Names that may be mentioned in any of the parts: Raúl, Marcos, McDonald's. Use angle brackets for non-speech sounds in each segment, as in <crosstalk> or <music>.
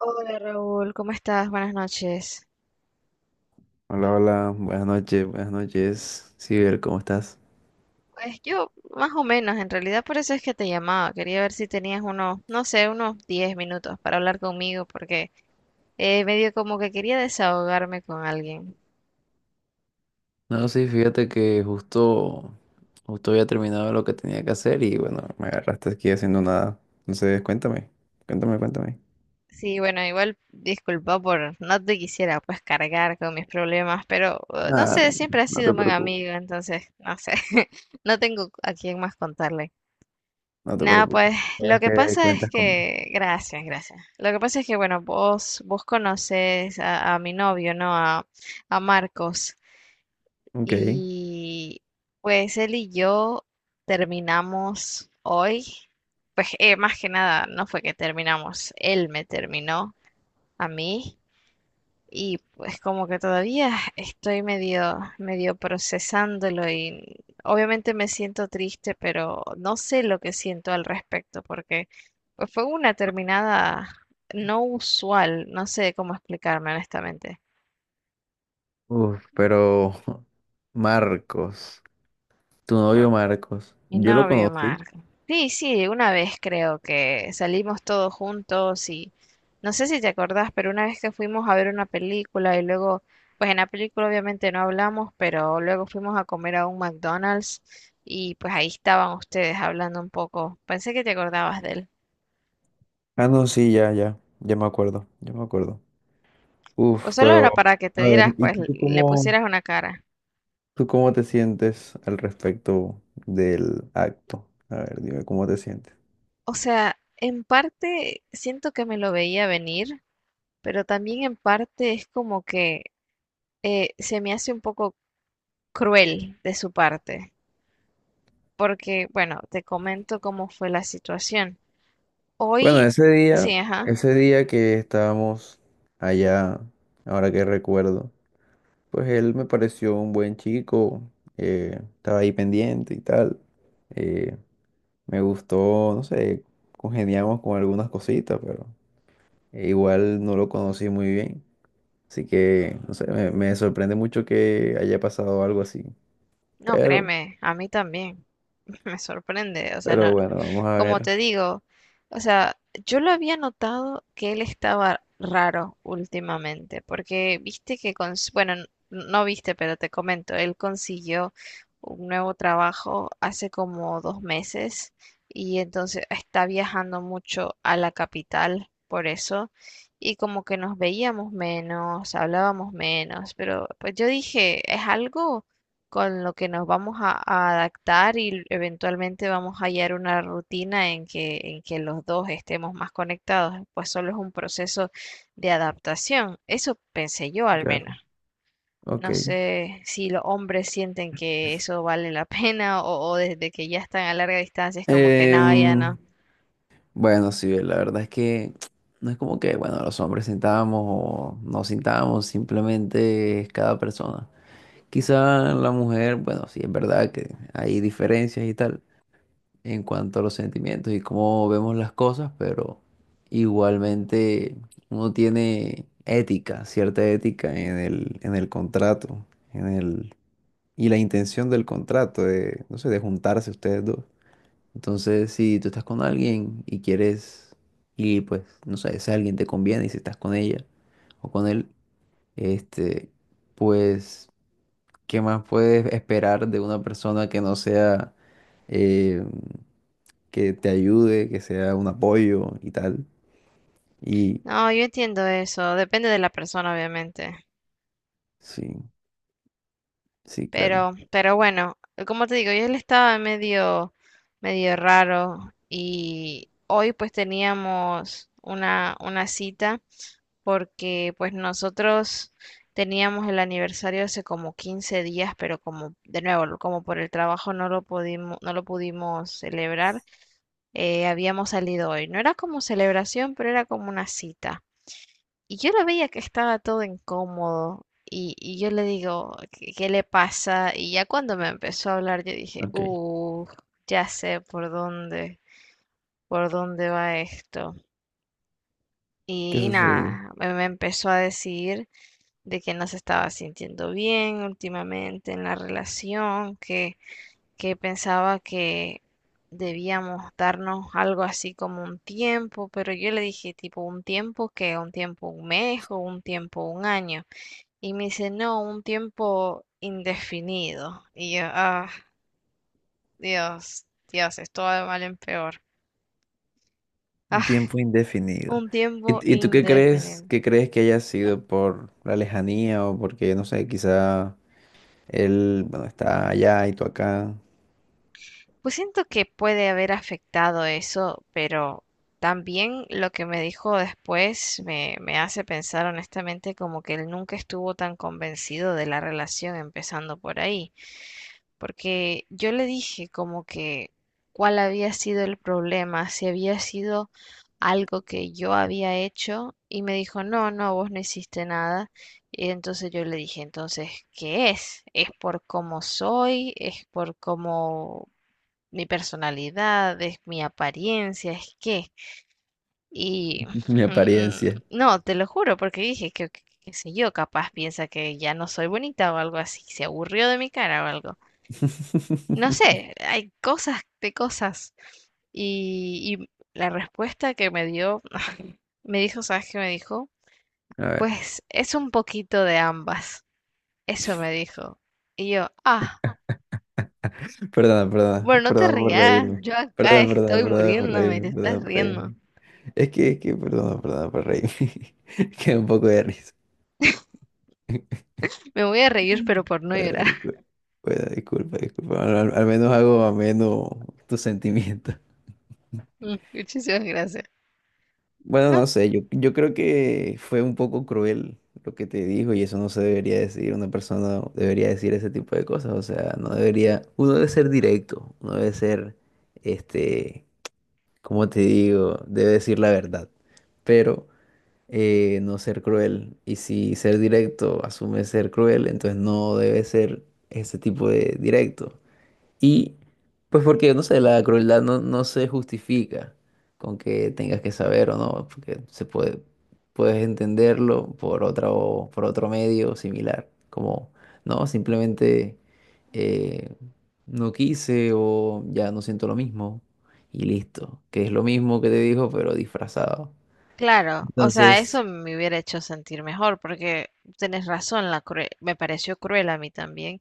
Hola Raúl, ¿cómo estás? Buenas noches. Hola, hola, buenas noches, buenas noches. Ciber, ¿cómo estás? Pues yo, más o menos, en realidad por eso es que te llamaba. Quería ver si tenías unos, no sé, unos 10 minutos para hablar conmigo, porque medio como que quería desahogarme con alguien. No, sí, fíjate que justo había terminado lo que tenía que hacer y bueno, me agarraste aquí haciendo nada. Entonces, cuéntame, cuéntame, cuéntame. Sí, bueno, igual disculpa por no te quisiera pues cargar con mis problemas, pero no Nada, sé, siempre has no sido te un buen preocupes, amigo, entonces, no sé, <laughs> no tengo a quién más contarle. no te Nada, preocupes. pues lo Sabes que que pasa es cuentas conmigo. que, gracias, gracias. Lo que pasa es que, bueno, vos conoces a mi novio, ¿no? A Marcos. Ok. Y pues él y yo terminamos hoy. Pues más que nada, no fue que terminamos, él me terminó a mí. Y pues como que todavía estoy medio procesándolo y obviamente me siento triste, pero no sé lo que siento al respecto porque pues, fue una terminada no usual, no sé cómo explicarme honestamente. Uf, pero <laughs> Marcos, tu novio Marcos, Mi yo lo novio, conocí. Mark. Sí, sí, una vez creo que salimos todos juntos y no sé si te acordás, pero una vez que fuimos a ver una película y luego, pues en la película obviamente no hablamos, pero luego fuimos a comer a un McDonald's y pues ahí estaban ustedes hablando un poco. Pensé que te acordabas de él. Ah, no, sí, ya, ya, ya me acuerdo, ya me acuerdo. O Uf, solo pero... era para que te A ver, dieras, ¿y pues tú le cómo? pusieras una cara. ¿Tú cómo te sientes al respecto del acto? A ver, dime cómo te sientes. O sea, en parte siento que me lo veía venir, pero también en parte es como que se me hace un poco cruel de su parte, porque, bueno, te comento cómo fue la situación. Bueno, Hoy, sí, ajá, ese día que estábamos allá, ahora que recuerdo, pues él me pareció un buen chico, estaba ahí pendiente y tal. eh, Me gustó, no sé, congeniamos con algunas cositas, pero igual no lo conocí muy bien. Así que, no sé, me sorprende mucho que haya pasado algo así. no, Pero, créeme, a mí también, <laughs> me sorprende, o sea, pero no, bueno, vamos a como ver. te digo, o sea, yo lo había notado que él estaba raro últimamente, porque viste que, bueno, no viste, pero te comento, él consiguió un nuevo trabajo hace como 2 meses y entonces está viajando mucho a la capital por eso y como que nos veíamos menos, hablábamos menos, pero pues yo dije, es algo con lo que nos vamos a adaptar y eventualmente vamos a hallar una rutina en que los dos estemos más conectados, pues solo es un proceso de adaptación. Eso pensé yo al menos. Claro. Ok. No sé si los hombres sienten que eso vale la <laughs> pena o desde que ya están a larga distancia es como que nada, ya Em, no. bueno, sí, la verdad es que no es como que, bueno, los hombres sintamos o no sintamos, simplemente es cada persona. Quizá la mujer, bueno, sí, es verdad que hay diferencias y tal en cuanto a los sentimientos y cómo vemos las cosas, pero igualmente uno tiene ética, cierta ética en el contrato, en el, y la intención del contrato de, no sé, de juntarse ustedes dos. Entonces, si tú estás con alguien y quieres, y pues, no sé, ese alguien te conviene y si estás con ella o con él, este, pues, ¿qué más puedes esperar de una persona que no sea, eh, que te ayude, que sea un apoyo y tal? Y No, yo entiendo eso, depende de la persona, obviamente. sí, sí, claro. Pero bueno, como te digo, yo él estaba medio raro y hoy pues teníamos una cita porque pues nosotros teníamos el aniversario hace como 15 días, pero como de nuevo, como por el trabajo no lo pudimos, no lo pudimos celebrar, habíamos salido hoy. No era como celebración, pero era como una cita. Y yo lo veía que estaba todo incómodo y yo le digo, ¿qué le pasa? Y ya cuando me empezó a hablar, yo dije, Ok, ya sé por dónde va esto. ¿qué Y sucedió? nada, me empezó a decir de que no se estaba sintiendo bien últimamente en la relación, que pensaba que debíamos darnos algo así como un tiempo, pero yo le dije tipo un tiempo que un tiempo un mes o un tiempo un año. Y me dice, no, un tiempo indefinido. Y yo, ah, Dios, Dios, esto va de mal en peor. <laughs> Un Ah, tiempo indefinido. un tiempo Y tú indefinido. qué crees que haya sido por la lejanía o porque, no sé, quizá él, bueno, está allá y tú acá? Pues siento que puede haber afectado eso, pero también lo que me dijo después me hace pensar honestamente como que él nunca estuvo tan convencido de la relación empezando por ahí. Porque yo le dije como que cuál había sido el problema, si había sido algo que yo había hecho y me dijo, no, no, vos no hiciste nada. Y entonces yo le dije, entonces, ¿qué es? ¿Es por cómo soy? ¿Es por cómo mi personalidad? ¿Es mi apariencia? ¿Es qué? Y Mi <laughs> mm, apariencia. no, te lo juro, porque dije que, qué sé yo, capaz piensa que ya no soy bonita o algo así, se aburrió de mi cara o algo. No <laughs> sé, hay cosas de cosas. Y la respuesta que me dio, <laughs> me dijo, ¿sabes qué me dijo? A ver, Pues es un poquito de ambas. Eso me dijo. Y yo, ah, perdona, perdona, bueno, no te perdona por rías, reírme. yo acá Perdona, perdona, estoy perdona por muriéndome, reírme, te estás perdona por riendo. reírme. Es que, perdona, perdona por reírme. <laughs> Es que da un poco de risa. Me voy a reír, pero por no Bueno, llorar. disculpa, bueno, disculpa, disculpa. Al menos hago ameno tus sentimientos. <laughs> Muchísimas gracias. Bueno, No, no sé, yo creo que fue un poco cruel lo que te dijo y eso no se debería decir, una persona no debería decir ese tipo de cosas, o sea, no debería, uno debe ser directo, uno debe ser, este, como te digo, debe decir la verdad, pero no ser cruel, y si ser directo asume ser cruel, entonces no debe ser ese tipo de directo, y pues porque, no sé, la crueldad no se justifica con que tengas que saber o no, porque puedes entenderlo por otra, por otro medio similar, como, no, simplemente eh, no quise o ya no siento lo mismo y listo, que es lo mismo que te dijo pero disfrazado. claro, o sea, Entonces, eso me hubiera hecho sentir mejor, porque tenés razón, la me pareció cruel a mí también.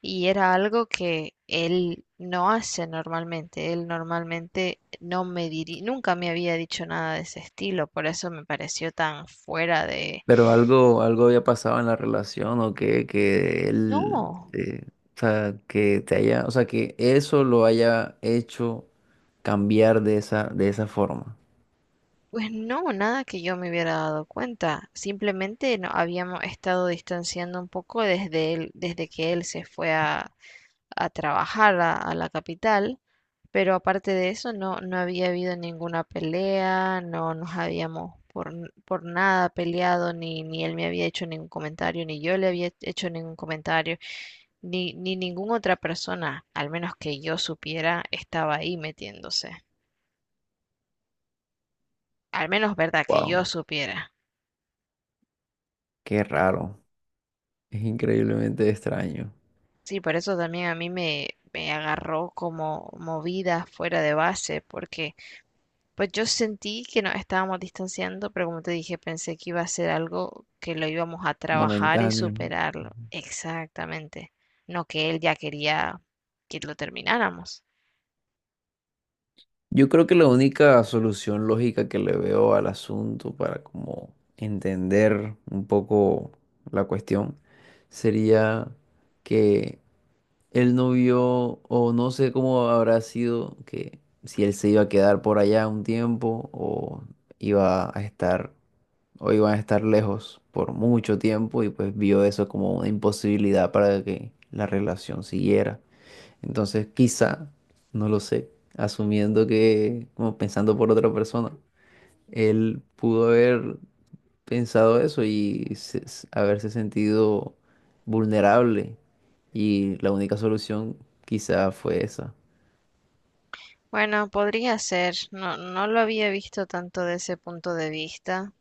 Y era algo que él no hace normalmente. Él normalmente no me nunca me había dicho nada de ese estilo, por eso me pareció tan fuera de... pero algo, algo había pasado en la relación o que él, No, o sea, que te haya, o sea, que eso lo haya hecho cambiar de esa forma. pues no, nada que yo me hubiera dado cuenta. Simplemente no habíamos estado distanciando un poco desde él, desde que él se fue a trabajar a la capital, pero aparte de eso no, no había habido ninguna pelea, no nos habíamos por, por nada peleado, ni, ni él me había hecho ningún comentario, ni yo le había hecho ningún comentario, ni, ni ninguna otra persona, al menos que yo supiera, estaba ahí metiéndose. Al menos, verdad, que yo Wow, supiera. qué raro. Es increíblemente extraño, Sí, por eso también a mí me agarró como movida fuera de base, porque pues yo sentí que nos estábamos distanciando, pero como te dije, pensé que iba a ser algo que lo íbamos a trabajar y momentáneo. superarlo. Exactamente. No que él ya quería que lo termináramos. Yo creo que la única solución lógica que le veo al asunto para como entender un poco la cuestión sería que él no vio, o no sé cómo habrá sido, que si él se iba a quedar por allá un tiempo, o iba a estar, o iban a estar lejos por mucho tiempo, y pues vio eso como una imposibilidad para que la relación siguiera. Entonces, quizá, no lo sé, asumiendo que, como pensando por otra persona, él pudo haber pensado eso y haberse sentido vulnerable. Y la única solución quizá fue esa. Bueno, podría ser. No, no lo había visto tanto de ese punto de vista,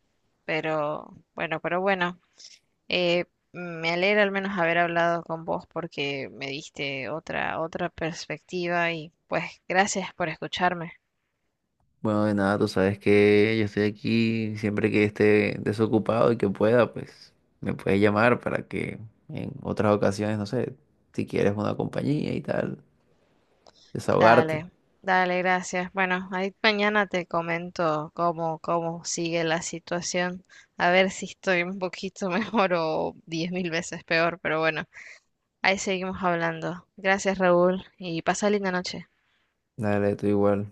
pero bueno, pero bueno. Eh, me alegra al menos haber hablado con vos porque me diste otra, otra perspectiva y pues gracias por escucharme. Bueno, de nada, tú sabes que yo estoy aquí siempre que esté desocupado y que pueda, pues me puedes llamar para que en otras ocasiones, no sé, si quieres una compañía y tal, desahogarte. Dale, dale, gracias. Bueno, ahí mañana te comento cómo, cómo sigue la situación. A ver si estoy un poquito <laughs> mejor o 10 mil veces peor, pero bueno, ahí seguimos hablando. Gracias, Raúl, y pasa linda noche. Dale, tú igual.